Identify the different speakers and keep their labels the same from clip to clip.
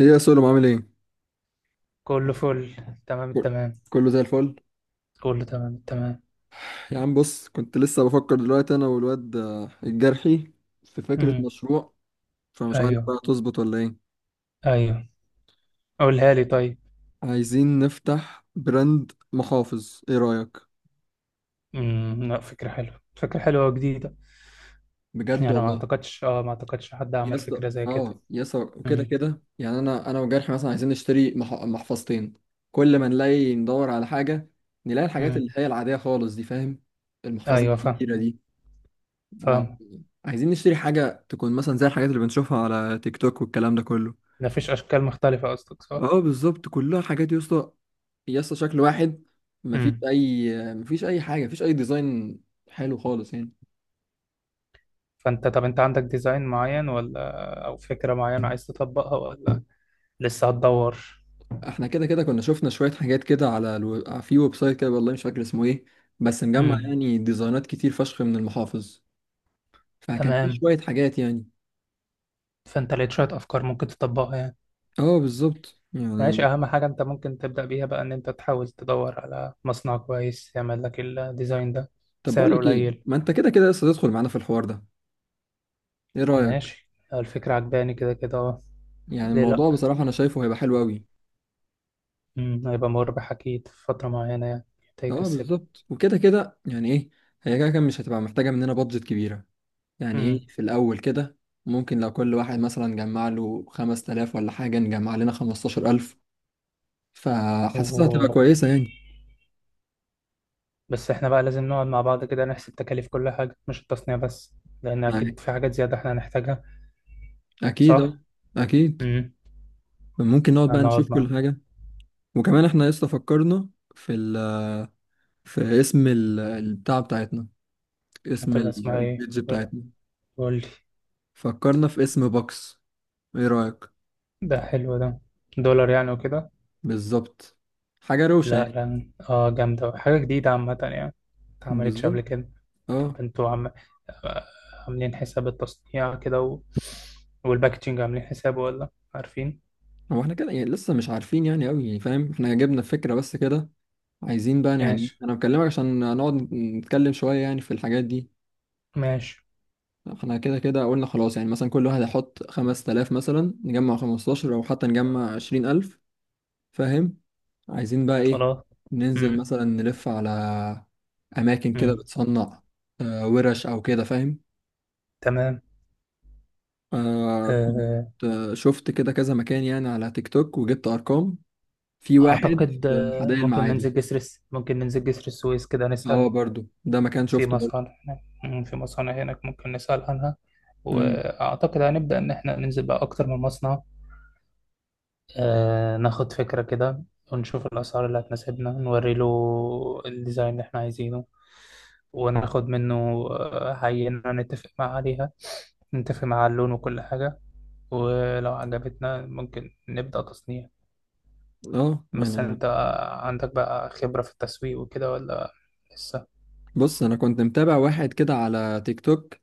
Speaker 1: ايه يا سولو، عامل ايه؟
Speaker 2: كله فل. تمام
Speaker 1: كل-
Speaker 2: التمام.
Speaker 1: كله زي الفل.
Speaker 2: كله تمام التمام.
Speaker 1: يا عم بص، كنت لسه بفكر دلوقتي انا والواد الجرحي، في فكرة
Speaker 2: امم،
Speaker 1: مشروع. فمش عارف
Speaker 2: ايوه،
Speaker 1: بقى تظبط ولا ايه.
Speaker 2: ايوه، قولها لي طيب.
Speaker 1: عايزين نفتح براند محافظ، ايه رأيك؟
Speaker 2: امم، لا، فكرة حلوة فكرة حلوة وجديدة.
Speaker 1: بجد
Speaker 2: يعني ما
Speaker 1: والله.
Speaker 2: اعتقدش حد
Speaker 1: يا
Speaker 2: عمل
Speaker 1: اسطى،
Speaker 2: فكرة زي كده.
Speaker 1: اه، يا اسطى، وكده
Speaker 2: امم.
Speaker 1: كده يعني انا وجرحي مثلا عايزين نشتري محفظتين. كل ما نلاقي ندور على حاجة، نلاقي الحاجات
Speaker 2: امم،
Speaker 1: اللي هي العادية خالص دي، فاهم؟ المحفظة
Speaker 2: ايوه، فاهم
Speaker 1: الكبيرة دي. اه.
Speaker 2: فاهم.
Speaker 1: عايزين نشتري حاجة تكون مثلا زي الحاجات اللي بنشوفها على تيك توك والكلام ده كله.
Speaker 2: مفيش اشكال مختلفة قصدك، صح؟
Speaker 1: اه بالظبط، كلها حاجات يا اسطى، يا اسطى شكل واحد. مفيش
Speaker 2: امم.
Speaker 1: اي مفيش اي حاجة، مفيش اي ديزاين حلو خالص يعني.
Speaker 2: فانت طب انت عندك ديزاين معين ولا او فكرة معينة عايز تطبقها، ولا لسه هتدور؟
Speaker 1: احنا كده كده كنا شفنا شوية حاجات كده على في ويب سايت كده، والله مش فاكر اسمه ايه، بس مجمع
Speaker 2: امم.
Speaker 1: يعني ديزاينات كتير فشخ من المحافظ. فكان في
Speaker 2: تمام.
Speaker 1: شوية حاجات يعني.
Speaker 2: فانت لقيت شوية افكار ممكن تطبقها يعني.
Speaker 1: اه بالظبط
Speaker 2: ماشي،
Speaker 1: يعني.
Speaker 2: أهم حاجة أنت ممكن تبدأ بيها بقى إن أنت تحاول تدور على مصنع كويس يعمل لك الديزاين ده
Speaker 1: طب بقول
Speaker 2: بسعر
Speaker 1: لك ايه،
Speaker 2: قليل.
Speaker 1: ما انت كده كده لسه تدخل معانا في الحوار ده، ايه رأيك.
Speaker 2: ماشي، الفكرة عجباني كده كده أه.
Speaker 1: يعني
Speaker 2: ليه لأ.
Speaker 1: الموضوع بصراحة انا شايفه هيبقى حلو قوي.
Speaker 2: هيبقى مربح أكيد في فترة معينة يعني حتى
Speaker 1: اه
Speaker 2: يكسبنا.
Speaker 1: بالظبط، وكده كده يعني ايه، هي كده كده مش هتبقى محتاجة مننا بادجت كبيرة. يعني ايه
Speaker 2: أمم.
Speaker 1: في الأول كده، ممكن لو كل واحد مثلا جمع له 5000 ولا حاجة، نجمع لنا 15000. فحاسسها هتبقى
Speaker 2: و...
Speaker 1: كويسة يعني.
Speaker 2: بس إحنا بقى لازم نقعد مع بعض كده نحسب تكاليف كل حاجة، مش التصنيع بس، لأن
Speaker 1: يعني
Speaker 2: أكيد في حاجات زيادة إحنا هنحتاجها.
Speaker 1: أكيد،
Speaker 2: صح؟
Speaker 1: أكيد.
Speaker 2: أمم.
Speaker 1: ممكن نقعد بقى نشوف
Speaker 2: فنقعد مع.
Speaker 1: كل حاجة. وكمان احنا لسه فكرنا في ال... في اسم البتاع بتاعتنا، اسم
Speaker 2: هتبقى اسمها إيه؟
Speaker 1: البيج بتاعتنا.
Speaker 2: قول لي.
Speaker 1: فكرنا في اسم بوكس، ايه رأيك.
Speaker 2: ده حلو ده. دولار يعني وكده.
Speaker 1: بالظبط. حاجة روشة
Speaker 2: لا
Speaker 1: يعني.
Speaker 2: لا، اه جامدة، حاجة جديدة عامة يعني، متعملتش
Speaker 1: بالظبط
Speaker 2: قبل كده. طب
Speaker 1: اه.
Speaker 2: انتوا آه، عاملين حساب التصنيع كده والباكجينج عاملين حسابه، ولا عارفين؟
Speaker 1: هو احنا كده يعني لسه مش عارفين يعني قوي، يعني فاهم، احنا جبنا الفكرة بس كده. عايزين بقى يعني ايه،
Speaker 2: ماشي
Speaker 1: انا بكلمك عشان نقعد نتكلم شوية يعني في الحاجات دي.
Speaker 2: ماشي.
Speaker 1: احنا كده كده قلنا خلاص، يعني مثلا كل واحد هيحط 5000، مثلا نجمع 15 او حتى نجمع 20000. فاهم. عايزين بقى ايه،
Speaker 2: خلاص.
Speaker 1: ننزل
Speaker 2: امم.
Speaker 1: مثلا نلف على اماكن كده
Speaker 2: امم.
Speaker 1: بتصنع، ورش او كده، فاهم.
Speaker 2: تمام.
Speaker 1: آه كنت
Speaker 2: آه،
Speaker 1: آه، شفت كده كذا مكان يعني على تيك توك، وجبت ارقام في واحد
Speaker 2: اعتقد
Speaker 1: في حدائق المعادي.
Speaker 2: ممكن ننزل جسر السويس كده نسأل
Speaker 1: اه برضو ده مكان
Speaker 2: في
Speaker 1: شفته برضو.
Speaker 2: مصانع هناك. مم، في مصانع هناك ممكن نسأل عنها،
Speaker 1: امم
Speaker 2: واعتقد هنبدأ ان احنا ننزل بقى اكتر من مصنع. ناخد فكرة كده، ونشوف الأسعار اللي هتناسبنا، نوري له الديزاين اللي احنا عايزينه، وناخد منه عينة، نتفق معاه عليها، نتفق مع اللون وكل حاجة، ولو عجبتنا ممكن نبدأ تصنيع.
Speaker 1: اه
Speaker 2: بس
Speaker 1: انا
Speaker 2: انت عندك بقى خبرة في التسويق وكده، ولا لسه؟
Speaker 1: بص، انا كنت متابع واحد كده على تيك توك،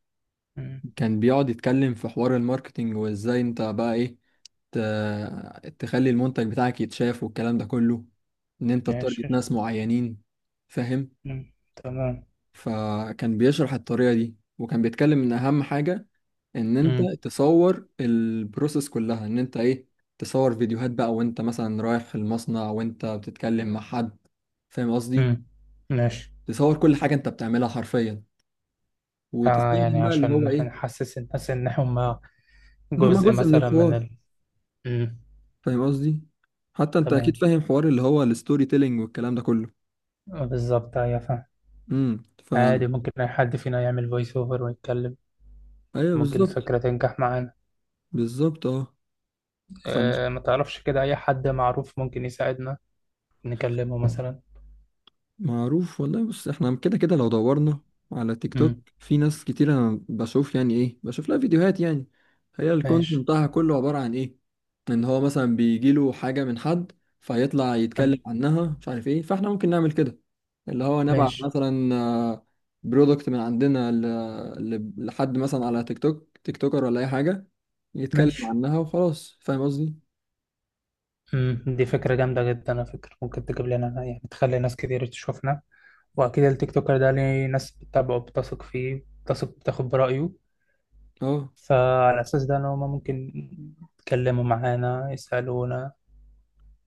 Speaker 2: مم،
Speaker 1: كان بيقعد يتكلم في حوار الماركتينج، وازاي انت بقى ايه ت... تخلي المنتج بتاعك يتشاف والكلام ده كله، ان انت
Speaker 2: ماشي.
Speaker 1: تارجت ناس معينين، فاهم.
Speaker 2: مم، تمام.
Speaker 1: فكان بيشرح الطريقة دي، وكان بيتكلم ان اهم حاجة ان انت
Speaker 2: مم.
Speaker 1: تصور البروسيس كلها، ان انت ايه، تصور فيديوهات بقى وانت مثلا رايح المصنع وانت بتتكلم مع حد، فاهم قصدي.
Speaker 2: مم، ماشي.
Speaker 1: تصور كل حاجة انت بتعملها حرفيا، وتستخدم
Speaker 2: يعني
Speaker 1: بقى اللي
Speaker 2: عشان
Speaker 1: هو ايه،
Speaker 2: نحسس الناس إن هم
Speaker 1: ان هما
Speaker 2: جزء
Speaker 1: جزء من
Speaker 2: مثلا من
Speaker 1: الحوار،
Speaker 2: مم،
Speaker 1: فاهم قصدي. حتى انت اكيد
Speaker 2: تمام.
Speaker 1: فاهم حوار اللي هو الستوري تيلينج والكلام ده كله.
Speaker 2: بالظبط، أيوة فاهم.
Speaker 1: ف
Speaker 2: عادي ممكن أي حد فينا يعمل فويس أوفر ويتكلم.
Speaker 1: ايوه
Speaker 2: ممكن
Speaker 1: بالظبط.
Speaker 2: الفكرة تنجح معانا.
Speaker 1: بالظبط اه. ف
Speaker 2: أه، ما تعرفش كده أي حد معروف ممكن يساعدنا، نكلمه مثلا؟
Speaker 1: معروف والله. بص احنا كده كده لو دورنا على تيك
Speaker 2: مم.
Speaker 1: توك، في ناس كتير انا بشوف، يعني ايه، بشوف لها فيديوهات يعني، هي الكونتنت
Speaker 2: ماشي.
Speaker 1: بتاعها كله عبارة عن ايه، ان هو مثلا بيجيله حاجة من حد فيطلع يتكلم
Speaker 2: تمام.
Speaker 1: عنها، مش عارف ايه. فاحنا ممكن نعمل كده، اللي هو نبعت
Speaker 2: ماشي.
Speaker 1: مثلا برودكت من عندنا لحد مثلا على تيك توك، تيك توكر ولا اي حاجه، يتكلم
Speaker 2: ماشي.
Speaker 1: عنها وخلاص، فاهم قصدي.
Speaker 2: دي فكرة جامدة جدا على فكرة، ممكن تجيب لنا يعني تخلي ناس كتير تشوفنا، وأكيد التيك توكر ده ليه ناس بتتابعه، بتثق فيه، بتثق بتاخد برأيه،
Speaker 1: اه
Speaker 2: فعلى أساس ده إن هما ممكن يتكلموا معانا، يسألونا،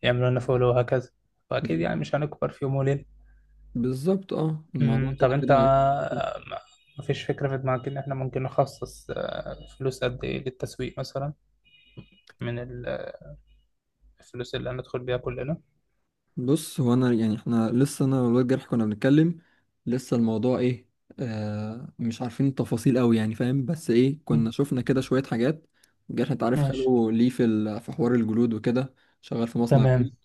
Speaker 2: يعملوا لنا فولو وهكذا. واكيد
Speaker 1: ب-
Speaker 2: يعني مش هنكبر في يوم وليله.
Speaker 1: بالظبط اه، الموضوع
Speaker 2: أمم،
Speaker 1: كده
Speaker 2: طب انت
Speaker 1: كده
Speaker 2: ما ما فيش فكره في دماغك ان احنا ممكن نخصص فلوس قد ايه للتسويق مثلا من الفلوس اللي هندخل بيها كلنا؟
Speaker 1: بص هو انا يعني، احنا لسه انا والواد جرح كنا بنتكلم، لسه الموضوع ايه، مش عارفين التفاصيل قوي يعني، فاهم، بس ايه، كنا
Speaker 2: أمم.
Speaker 1: شفنا كده شويه حاجات. جرح انت عارف
Speaker 2: ماشي.
Speaker 1: خاله ليه في حوار الجلود وكده، شغال في مصنع جلود.
Speaker 2: تمام.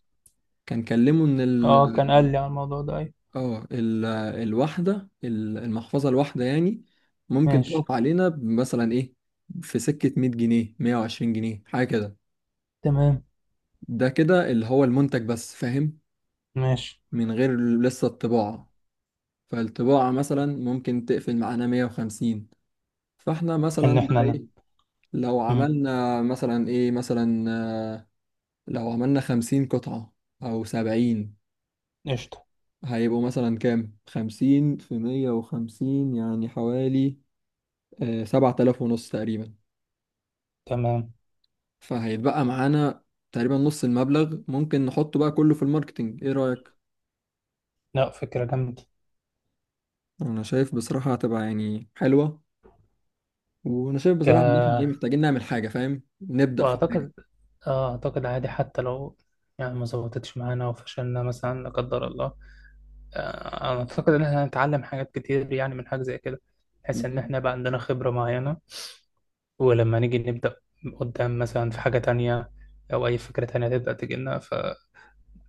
Speaker 1: كان كلمه ان
Speaker 2: اه، كان قال لي على الموضوع ده اي.
Speaker 1: اه ال- الواحدة، المحفظة الواحدة يعني ممكن
Speaker 2: ماشي.
Speaker 1: تقف علينا مثلا ايه، في سكة 100 جنيه، 120 جنيه، حاجة كده.
Speaker 2: تمام.
Speaker 1: ده كده اللي هو المنتج بس، فاهم،
Speaker 2: ماشي.
Speaker 1: من غير لسه الطباعة. فالطباعة مثلا ممكن تقفل معانا 150. فاحنا مثلا
Speaker 2: ان احنا
Speaker 1: بقى ايه، لو
Speaker 2: أمم.
Speaker 1: عملنا مثلا ايه مثلا آه، لو عملنا 50 قطعة او 70،
Speaker 2: قشطه.
Speaker 1: هيبقوا مثلا كام، 50 في 150 يعني حوالي 7500 تقريبا.
Speaker 2: تمام.
Speaker 1: فهيتبقى معانا تقريبا نص المبلغ، ممكن نحطه بقى كله في الماركتينج، ايه رأيك؟
Speaker 2: لا، فكره جامده.
Speaker 1: انا شايف بصراحة هتبقى يعني حلوة. وانا شايف بصراحة ان احنا ايه،
Speaker 2: آه،
Speaker 1: محتاجين نعمل حاجة، فاهم؟ نبدأ في حاجة.
Speaker 2: واعتقد، اه اعتقد عادي حتى لو يعني ما ظبطتش معانا وفشلنا مثلا، لا قدر الله. انا اعتقد ان احنا هنتعلم حاجات كتير يعني من حاجه زي كده، بحيث ان احنا بقى عندنا خبره معينه، ولما نيجي نبدا قدام مثلا في حاجه تانية، او اي فكره تانية تبدا تجي لنا،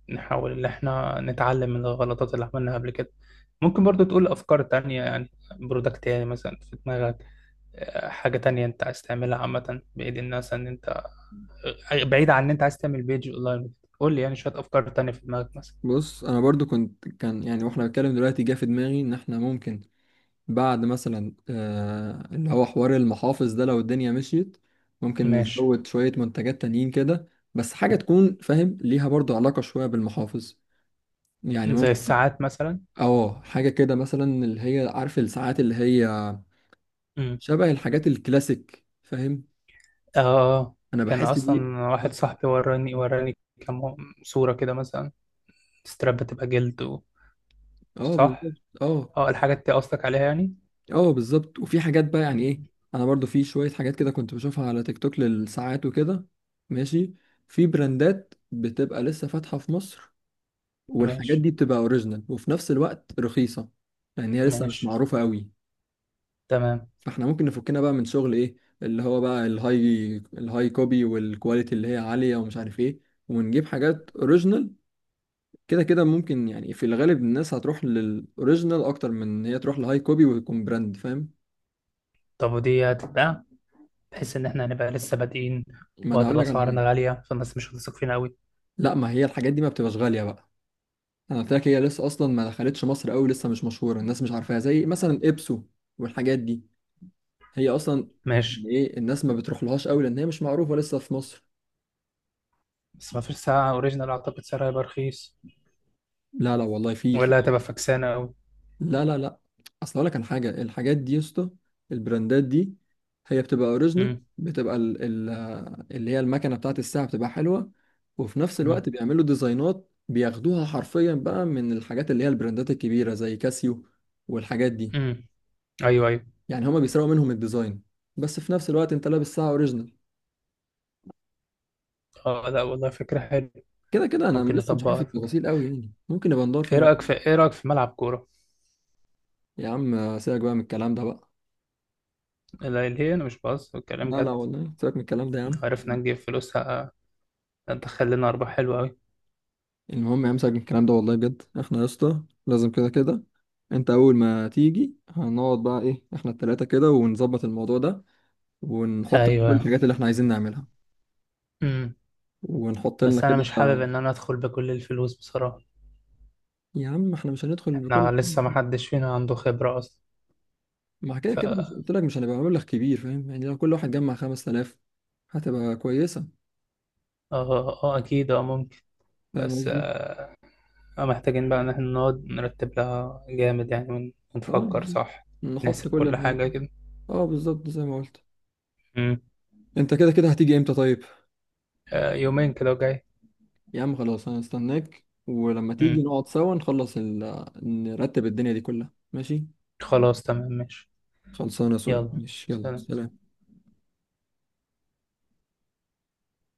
Speaker 2: فنحاول ان احنا نتعلم من الغلطات اللي عملناها قبل كده. ممكن برضو تقول افكار تانية يعني، برودكت يعني مثلا في دماغك، حاجه تانية انت عايز تعملها عامه، بعيد الناس ان انت، بعيد عن ان انت عايز تعمل بيج اونلاين. قول لي يعني شويه افكار تانية في دماغك مثلا.
Speaker 1: بص انا برضو كان يعني، واحنا بنتكلم دلوقتي، جه في دماغي ان احنا ممكن بعد مثلا اللي هو حوار المحافظ ده لو الدنيا مشيت، ممكن
Speaker 2: ماشي.
Speaker 1: نزود شوية منتجات تانيين كده. بس حاجة تكون فاهم ليها برضو علاقة شوية بالمحافظ يعني.
Speaker 2: زي الساعات مثلا.
Speaker 1: اه حاجة كده مثلا، اللي هي عارف الساعات، اللي هي شبه الحاجات الكلاسيك فاهم.
Speaker 2: اه آه.
Speaker 1: انا
Speaker 2: كان
Speaker 1: بحس دي.
Speaker 2: اصلا واحد صاحبي وراني وراني كام صورة كده مثلا، ستراب بتبقى جلد
Speaker 1: اه بالظبط
Speaker 2: صح.
Speaker 1: اه.
Speaker 2: اه الحاجات دي قصدك عليها يعني.
Speaker 1: اه بالظبط، وفي حاجات بقى يعني ايه،
Speaker 2: مم.
Speaker 1: انا برضو في شوية حاجات كده كنت بشوفها على تيك توك للساعات وكده. ماشي. في براندات بتبقى لسه فاتحة في مصر، والحاجات
Speaker 2: ماشي.
Speaker 1: دي بتبقى اوريجينال وفي نفس الوقت رخيصة، لان هي لسه مش
Speaker 2: ماشي.
Speaker 1: معروفة قوي.
Speaker 2: تمام.
Speaker 1: احنا ممكن نفكنا بقى من شغل ايه، اللي هو بقى الهاي كوبي والكواليتي اللي هي عالية ومش عارف ايه، ونجيب حاجات اوريجينال. كده كده ممكن يعني في الغالب الناس هتروح للاوريجينال اكتر من ان هي تروح لهاي كوبي ويكون براند، فاهم.
Speaker 2: طب ودي هتتباع بحيث ان احنا هنبقى لسه بادئين،
Speaker 1: ما انا هقول
Speaker 2: وهتبقى
Speaker 1: لك على حاجة.
Speaker 2: اسعارنا غالية فالناس مش هتثق فينا قوي.
Speaker 1: لا، ما هي الحاجات دي ما بتبقاش غالية بقى. انا قلت لك، هي لسه اصلا ما دخلتش مصر قوي، لسه مش مشهورة، الناس مش عارفاها، زي مثلا ابسو والحاجات دي، هي اصلا
Speaker 2: ماشي.
Speaker 1: يعني ايه، الناس ما بتروح لهاش قوي لان هي مش معروفة لسه في مصر.
Speaker 2: بس ما فيش ساعة اوريجينال اعتقد سعرها هيبقى رخيص،
Speaker 1: لا لا والله في.
Speaker 2: ولا هتبقى فكسانة قوي.
Speaker 1: لا لا لا. اصل اقول لك على حاجه، الحاجات دي يا اسطى، البراندات دي، هي بتبقى اوريجينال،
Speaker 2: امم.
Speaker 1: بتبقى ال ال اللي هي المكنه بتاعت الساعه بتبقى حلوه، وفي نفس
Speaker 2: امم.
Speaker 1: الوقت بيعملوا ديزاينات بياخدوها حرفيا بقى من الحاجات اللي هي البراندات الكبيره زي كاسيو والحاجات دي.
Speaker 2: امم. ايوه ايوه.
Speaker 1: يعني هما بيسرقوا منهم الديزاين، بس في نفس الوقت انت لابس ساعه اوريجينال.
Speaker 2: اه، لا والله فكرة حلوة.
Speaker 1: كده كده انا
Speaker 2: ممكن
Speaker 1: لسه مش عارف
Speaker 2: نطبقها الفكرة.
Speaker 1: التفاصيل قوي يعني، ممكن نبقى ندور في الموضوع.
Speaker 2: ايه رأيك في ملعب كورة؟
Speaker 1: يا عم سيبك بقى من الكلام ده بقى.
Speaker 2: لا ليه، انا مش بهزر، الكلام
Speaker 1: لا لا
Speaker 2: جد.
Speaker 1: والله، سيبك من الكلام ده يا
Speaker 2: لو
Speaker 1: عم.
Speaker 2: عرفنا نجيب فلوس هتدخل لنا ارباح حلوه قوي.
Speaker 1: المهم امسك من الكلام ده، والله بجد احنا يا اسطى لازم كده كده، انت اول ما تيجي هنقعد بقى ايه، احنا التلاتة كده، ونظبط الموضوع ده ونحط كل
Speaker 2: ايوه.
Speaker 1: الحاجات اللي احنا عايزين نعملها،
Speaker 2: امم.
Speaker 1: ونحط لنا
Speaker 2: بس
Speaker 1: كده.
Speaker 2: انا مش حابب ان انا ادخل بكل الفلوس بصراحه.
Speaker 1: يا عم احنا مش هندخل بكل،
Speaker 2: احنا لسه ما حدش فينا عنده خبره اصلا.
Speaker 1: مع كده
Speaker 2: ف
Speaker 1: كده
Speaker 2: اه،
Speaker 1: مش قلت لك مش هنبقى مبلغ كبير، فاهم يعني لو كل واحد جمع 5000 هتبقى كويسة.
Speaker 2: اه اكيد، اه ممكن،
Speaker 1: فاهم
Speaker 2: بس
Speaker 1: قصدي،
Speaker 2: آه، محتاجين بقى ان احنا نقعد نرتب لها جامد، يعني
Speaker 1: اه
Speaker 2: ونفكر
Speaker 1: بالظبط.
Speaker 2: صح،
Speaker 1: نحط
Speaker 2: نحسب
Speaker 1: كل
Speaker 2: كل
Speaker 1: الحاجات
Speaker 2: حاجه
Speaker 1: دي.
Speaker 2: كده.
Speaker 1: اه بالظبط زي ما قلت.
Speaker 2: امم.
Speaker 1: انت كده كده هتيجي امتى طيب؟
Speaker 2: يومين كده وجاي.
Speaker 1: يا عم خلاص انا استناك، ولما
Speaker 2: امم.
Speaker 1: تيجي نقعد سوا نخلص نرتب الدنيا دي كلها، ماشي.
Speaker 2: خلاص تمام ماشي.
Speaker 1: خلصانه يا سولو،
Speaker 2: يلا،
Speaker 1: ماشي، يلا
Speaker 2: سلام.
Speaker 1: سلام.